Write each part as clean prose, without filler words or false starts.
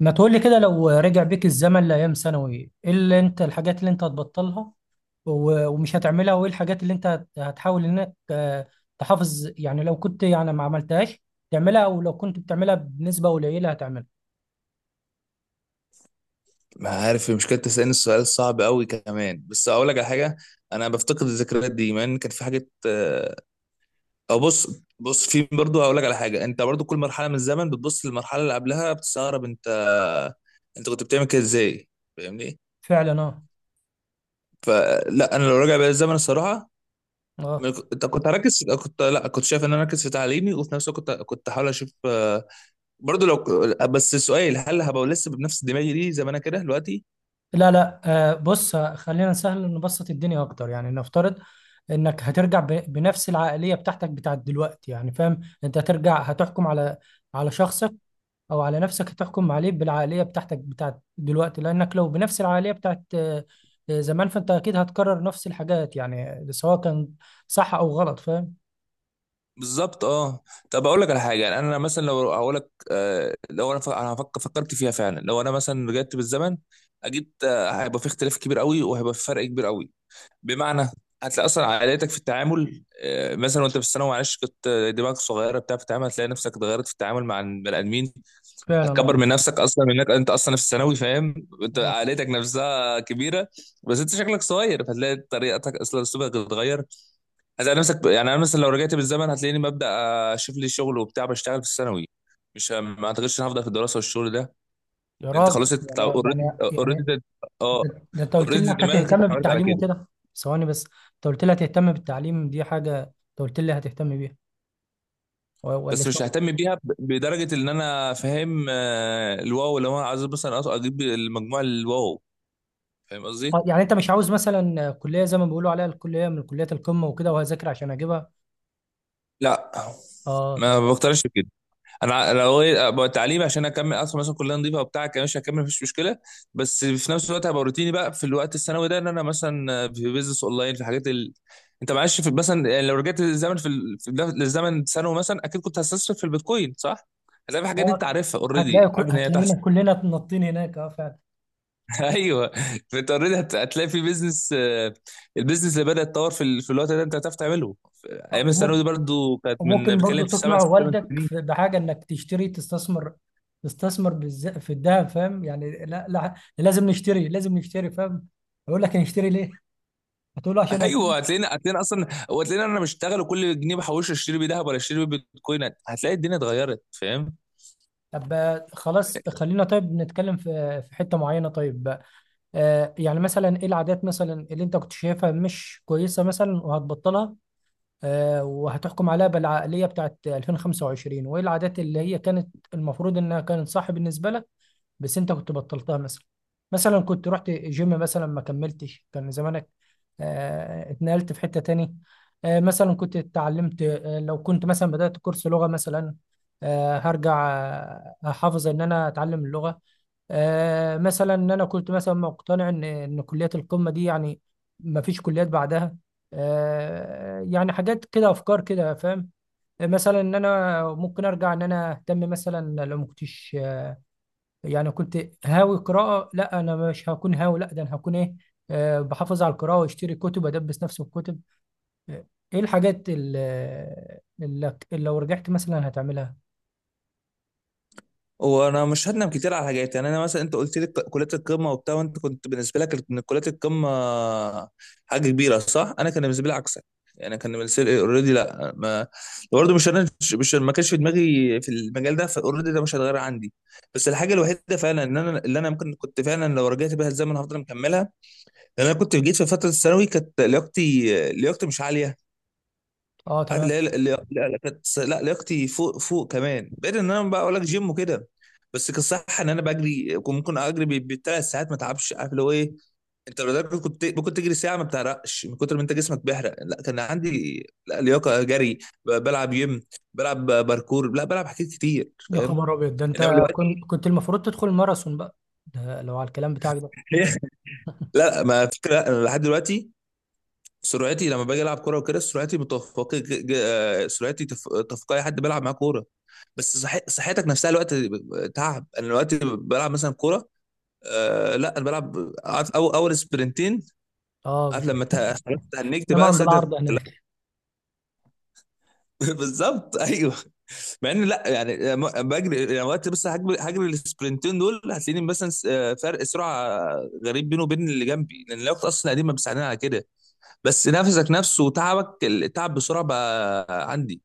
ما تقولي كده، لو رجع بيك الزمن لأيام ثانوي، ايه اللي انت، الحاجات اللي انت هتبطلها ومش هتعملها، وايه الحاجات اللي انت هتحاول انك تحافظ، يعني لو كنت يعني ما عملتهاش تعملها، او لو كنت بتعملها بنسبة قليلة هتعملها. ما عارف المشكلة، تسألني السؤال الصعب قوي كمان. بس أقول لك على حاجة، أنا بفتقد الذكريات دي مع إن كان في حاجة أو بص في. برضه هقول لك على حاجة، أنت برضه كل مرحلة من الزمن بتبص للمرحلة اللي قبلها بتستغرب أنت كنت بتعمل كده إزاي، فاهمني؟ فعلا اه. فلا أنا لو راجع بيا الزمن الصراحة ما اه. ك- أنت كنت هركز كنت لا كنت شايف إن أنا أركز في تعليمي، وفي نفس الوقت كنت أحاول أشوف. برضه بس سؤال، هل هبقى لسه بنفس دماغي دي زي ما أنا كده دلوقتي؟ لا لا. بص، خلينا نسهل، نبسط الدنيا اكتر. يعني نفترض انك هترجع بنفس العقلية بتاعتك بتاعت دلوقتي، يعني فاهم، انت هترجع هتحكم على على شخصك او على نفسك، هتحكم عليه بالعقليه بتاعتك بتاعت دلوقتي، لانك لو بنفس العقليه بتاعت زمان، فانت اكيد هتكرر نفس الحاجات يعني، سواء كان صح او غلط، فاهم. بالظبط اه. طب اقول لك على حاجه. يعني انا مثلا لو هقول لك أنا فكرت فيها فعلا. لو انا مثلا رجعت بالزمن، اكيد هيبقى في اختلاف كبير قوي وهيبقى في فرق كبير قوي، بمعنى هتلاقي اصلا عائلتك في التعامل، مثلا وانت في الثانوي معلش كنت، دماغك صغيره بتاع في التعامل، هتلاقي نفسك اتغيرت في التعامل مع البني ادمين. فعلا اه. هتكبر من نفسك اصلا، منك انت اصلا في الثانوي، فاهم؟ انت آه. عائلتك نفسها كبيره بس انت شكلك صغير، فهتلاقي طريقتك اصلا اسلوبك اتغير. عايز نفسك، يعني انا مثلا لو رجعت بالزمن هتلاقيني ببدا اشوف لي شغل وبتاع، بشتغل في الثانوي. مش ه- ما اعتقدش ان هفضل في الدراسه والشغل ده، يا لأن انت راجل، خلاص انت اوريدي يعني. اوريدي اه. ده انت قلت لي اوريدي انك دماغك هتهتم اتعودت على بالتعليم كده. وكده. ثواني بس، انت قلت لي هتهتم بالتعليم، دي حاجه انت قلت لي هتهتم بيها، ولا بس مش شغل؟ ههتم بيها بدرجه ان انا فاهم، الواو لو انا عايز مثلا اجيب المجموع الواو. فاهم قصدي؟ يعني انت مش عاوز مثلا كليه، زي ما بيقولوا عليها، الكليه من كليات القمه وكده، وهذاكر عشان اجيبها؟ لا اه ما تمام. بقتنعش بكده. انا لو ابقى التعليم عشان اكمل اصلا مثلا كليه نظيفه وبتاع كمان، مش هكمل مفيش مشكله. بس في نفس الوقت هبقى روتيني بقى في الوقت الثانوي ده، ان انا مثلا في بيزنس اونلاين، في حاجات ال... انت معلش، في مثلا يعني لو رجعت للزمن في، ال... في للزمن ثانوي مثلا، اكيد كنت هستثمر في البيتكوين صح؟ هتلاقي في حاجات دي هو انت عارفها هتلاقي اوريدي، عارف ان هي هتلاقينا تحصل. كلنا نطين هناك، اه فعلا. ايوه. فانت اوريدي هتلاقي في بيزنس. البيزنس اللي بدا يتطور في، ال... في الوقت ده انت هتعرف تعمله. ايام الثانوي دي وممكن، برضو كانت، من وممكن برضو بتكلم في سبع تقنع ست ثمان والدك سنين بحاجه انك تشتري، تستثمر، تستثمر في الذهب، فاهم يعني. لا لا، لازم نشتري، لازم نشتري، فاهم. يقول لك نشتري ليه؟ هتقول له عشان ايوه هتلاقينا اصلا، وهتلاقينا انا بشتغل وكل جنيه بحوشه اشتري بيه ذهب ولا اشتري بيه بيتكوين. هتلاقي الدنيا اتغيرت فاهم. طب، خلاص، خلينا طيب نتكلم في في حته معينه. طيب، يعني مثلا ايه العادات مثلا اللي انت كنت شايفها مش كويسه مثلا وهتبطلها، وهتحكم عليها بالعقلية بتاعت 2025، وايه العادات اللي هي كانت المفروض انها كانت صح بالنسبة لك بس انت كنت بطلتها. مثلا مثلا كنت رحت جيم مثلا ما كملتش، كان زمانك اتنقلت في حتة تاني. مثلا كنت اتعلمت، لو كنت مثلا بدأت كورس لغة مثلا، هرجع احافظ ان انا اتعلم اللغة. مثلا ان انا كنت مثلا مقتنع ان كليات القمة دي يعني ما فيش كليات بعدها، يعني حاجات كده، افكار كده، فاهم. مثلا ان انا ممكن ارجع، ان انا اهتم مثلا لو ما كنتش، يعني كنت هاوي قراءة، لا أنا مش هكون هاوي، لا ده أنا هكون إيه، بحافظ على القراءة وأشتري كتب، أدبس نفسي بالكتب. آه، إيه اللي, لو رجعت مثلا هتعملها؟ وانا مش هندم كتير على حاجات. يعني انا مثلا انت قلت لي كليات القمه وبتاع، وانت كنت بالنسبه لك ان كليات القمه حاجه كبيره صح؟ انا كان بالنسبه لي عكسك، يعني كان بالنسبه لي اوريدي لا، ما برضه مش انا، مش ما كانش في دماغي في المجال ده. فاوريدي ده مش هيتغير عندي. بس الحاجه الوحيده فعلا ان انا، اللي انا ممكن كنت فعلا لو رجعت بيها الزمن هفضل مكملها، لأن انا كنت جيت في فتره الثانوي كانت لياقتي مش عاليه. أه عارف اللي تمام. هي، لا لا، كانت لا، لياقتي فوق فوق كمان، بعيد ان انا بقى اقول لك جيم وكده. بس كان صح ان انا بجري، كنت ممكن اجري بال3 ساعات ما تعبش. عارف اللي هو ايه؟ انت لو ده كنت ممكن تجري ساعه ما بتعرقش من كتر ما انت جسمك بيحرق. لا كان عندي لا لياقه جري، بلعب جيم، بلعب باركور، لا بلعب حاجات كتير يا فاهم. خبر أبيض، ده أنت انما دلوقتي كنت المفروض تدخل ماراثون بقى، ده لو على الكلام بتاعك ده. لا ما فكره أنا لحد دلوقتي سرعتي، لما باجي العب كوره وكده سرعتي متفقه، سرعتي تفوق اي حد بيلعب معاه كوره. بس صحتك نفسها الوقت تعب. انا دلوقتي بلعب مثلا كوره، آه لا انا بلعب عارف اول سبرنتين، أه عارف بت- لما خلاص تهنجت إنما بقى عند صدرك العرض لا، هناك. بالظبط ايوه. مع ان لا يعني، بجري يعني وقت، بس هجري السبرنتين دول هتلاقيني مثلا، فرق سرعه غريب بينه وبين اللي جنبي، لان الوقت اصلا قديم ما بيساعدني على كده. بس نفسك نفسه وتعبك التعب بسرعه بقى عندي.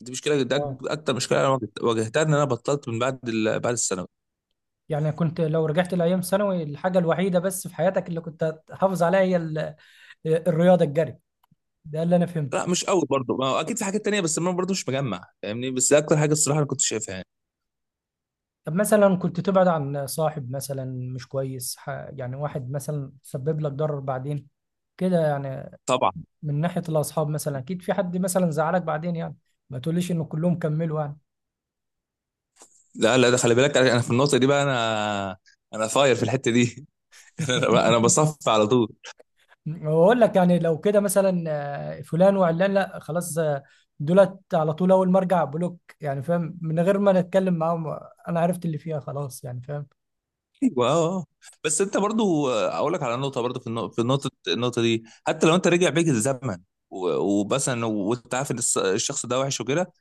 دي مشكله، ده أه. اكتر مشكله انا واجهتها، ان انا بطلت من بعد ال... بعد الثانوي. يعني كنت لو رجعت لأيام ثانوي، الحاجة الوحيدة بس في حياتك اللي كنت هتحافظ عليها هي الرياضة، الجري، ده اللي أنا فهمته. لا مش قوي برضه، ما هو اكيد في حاجات تانية، بس انا برضه مش مجمع فاهمني. بس ده اكتر حاجه الصراحه انا كنت شايفها يعني. طب مثلا كنت تبعد عن صاحب مثلا مش كويس يعني، واحد مثلا سبب لك ضرر بعدين كده يعني. طبعا. من ناحية الأصحاب مثلا أكيد في حد مثلا زعلك بعدين يعني، ما تقوليش إنه كلهم كملوا يعني. لا لا، ده خلي بالك انا، في النقطه دي بقى انا فاير في الحته دي انا بصف على طول. وأقول لك، يعني لو كده مثلا، فلان وعلان، لا خلاص، دولت على طول أول ما أرجع بلوك، يعني فاهم، من غير ما نتكلم معاهم. أنا عرفت اللي فيها خلاص يعني، فاهم. ايوه اه آه. بس انت برضه اقول لك على نقطه. برضه في النقطه، النقطه دي حتى لو انت رجع بيك الزمن، ومثلا وانت عارف ان الشخص ده وحش وكده،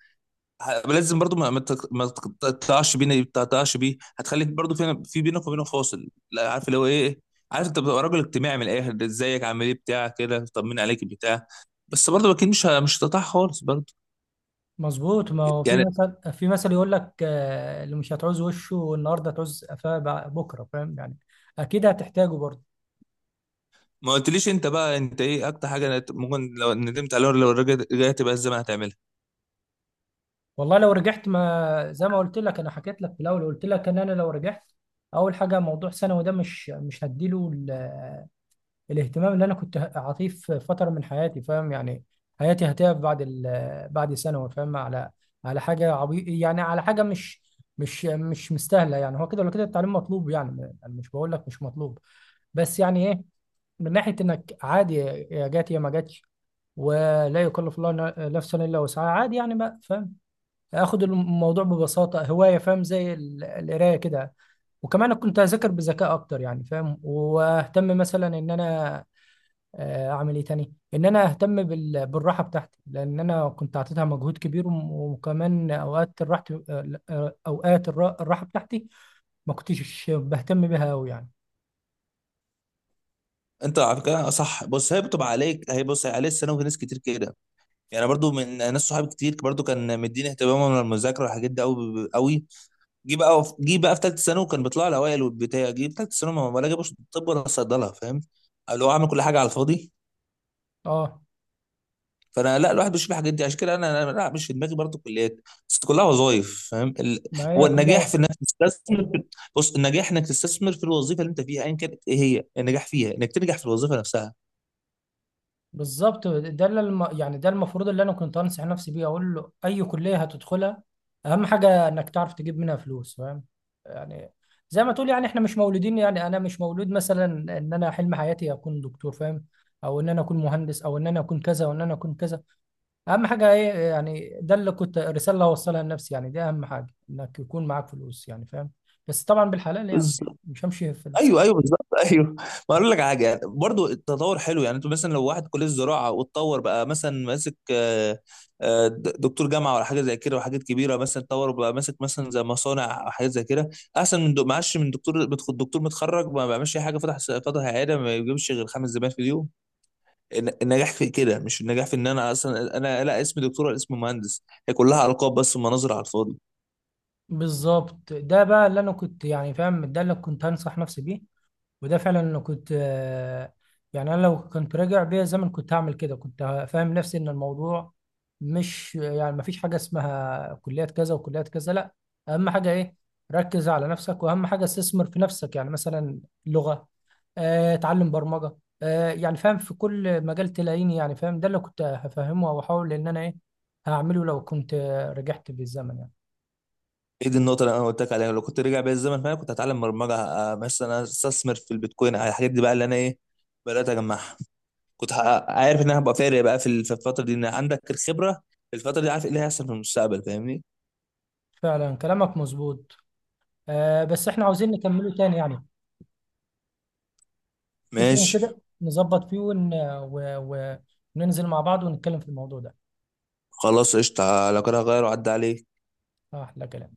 لازم برضو ما تقطعش تقطعش بيه، هتخليك برضو في، بينك وبينه فاصل لا. عارف اللي هو ايه إيه؟ عارف انت بتبقى راجل اجتماعي من الاخر، ده ازيك عامل ايه بتاع كده طمن عليك بتاع. بس برضو اكيد مش هتقطع خالص برضو. مظبوط، ما هو يعني في مثل يقول لك اللي مش هتعوز وشه النهارده تعوز قفاه بكره، فاهم يعني، اكيد هتحتاجه برضه. ما قلتليش انت بقى، انت ايه اكتر حاجه ممكن لو ندمت عليها لو رجعت بقى الزمن هتعملها؟ والله لو رجعت، ما زي ما قلت لك انا حكيت لك في الاول، قلت لك ان انا لو رجعت، اول حاجه موضوع ثانوي ده مش هديله الاهتمام اللي انا كنت اعطيه في فتره من حياتي، فاهم يعني. حياتي هتقف بعد بعد ثانوي، فاهم، على على حاجه عبي، يعني على حاجه مش مستاهله يعني. هو كده ولا كده التعليم مطلوب يعني، أنا مش بقول لك مش مطلوب، بس يعني ايه، من ناحيه انك عادي، يا جات يا ما جاتش، ولا يكلف الله نفسا الا وسعها، عادي يعني بقى، فاهم. اخد الموضوع ببساطه، هوايه فاهم، زي القرايه كده. وكمان كنت اذاكر بذكاء اكتر يعني، فاهم، واهتم مثلا ان انا اعمل ايه تاني، ان انا اهتم بالراحه بتاعتي، لان انا كنت اعطيتها مجهود كبير، وكمان اوقات الراحه، اوقات الراحه بتاعتي ما كنتش بهتم بيها قوي يعني. انت على فكره، صح. بص هي بتبقى عليك، هي بص عليه السنه وفي ناس كتير كده. يعني برضو من ناس صحابي كتير برضو كان مديني اهتمامهم من المذاكره والحاجات دي قوي قوي. جه بقى جه بقى في ثالثه ثانوي، وكان بيطلع لي اوائل والبتاع. جه في ثالثه ثانوي ما ما لا جابوش طب ولا صيدله فاهم؟ اللي هو عامل كل حاجه على الفاضي. اه. فانا لا، الواحد بيشوف الحاجات دي، عشان كده انا، لا مش في دماغي برضه كليات، بس كلها وظايف فاهم. ال... ما هو هي النجاح كلها. في انك تستثمر في... بص النجاح انك تستثمر في الوظيفه اللي انت فيها ايا كانت. ايه هي النجاح فيها؟ انك تنجح في الوظيفه نفسها. بالظبط، ده اللي يعني ده المفروض اللي انا كنت انصح نفسي بيه، اقول له اي كليه هتدخلها، اهم حاجه انك تعرف تجيب منها فلوس، فاهم يعني. زي ما تقول، يعني احنا مش مولودين، يعني انا مش مولود مثلا ان انا حلم حياتي اكون دكتور، فاهم، او ان انا اكون مهندس، او ان انا اكون كذا، وان انا اكون كذا. اهم حاجه ايه يعني، ده اللي كنت الرساله اللي هوصلها لنفسي يعني، دي اهم حاجه، انك يكون معاك فلوس يعني، فاهم، بس طبعا بالحلال يعني، مش همشي في ايوه ايوه بالظبط ايوه. ما اقول لك على حاجه برضو، التطور حلو. يعني انتوا مثلا لو واحد كليه الزراعه واتطور بقى، مثلا ماسك دكتور جامعه ولا حاجه زي كده، وحاجات كبيره مثلا اتطور وبقى ماسك مثلا زي مصانع او حاجات زي كده، احسن من دو- معاش من دكتور دكتور متخرج ما بيعملش اي حاجه، فتح عياده ما بيجيبش غير 5 زبائن في اليوم. النجاح في كده، مش النجاح في ان انا اصلا انا، لا اسمي دكتور ولا اسمي مهندس، هي كلها القاب بس ومناظر على الفاضي. بالظبط. ده بقى اللي انا كنت يعني فاهم، ده اللي كنت هنصح نفسي بيه. وده فعلا انا كنت، يعني انا لو كنت راجع بيا زمن كنت هعمل كده، كنت فاهم نفسي ان الموضوع مش يعني، ما فيش حاجه اسمها كليات كذا وكليات كذا، لا، اهم حاجه ايه، ركز على نفسك، واهم حاجه استثمر في نفسك، يعني مثلا لغه، اتعلم برمجه، يعني فاهم في كل مجال تلاقيني، يعني فاهم، ده اللي كنت هفهمه واحاول ان انا ايه هعمله لو كنت رجعت بالزمن يعني. ايه دي النقطة اللي انا قلت لك عليها، لو كنت رجع بيا الزمن فانا كنت هتعلم برمجة، مثلا استثمر في البيتكوين، على الحاجات دي بقى اللي انا ايه بدأت اجمعها. عارف ان انا هبقى فارق بقى في ال- في الفترة دي، ان عندك الخبرة في الفترة دي، عارف ايه اللي هيحصل في المستقبل فاهمني؟ فعلا كلامك مظبوط. بس احنا عاوزين نكمله تاني يعني. شوف يوم ماشي. كده نظبط فيه وننزل مع بعض ونتكلم في الموضوع ده. خلاص قشطة، لو كده هغير وعدى عليك. أحلى كلام.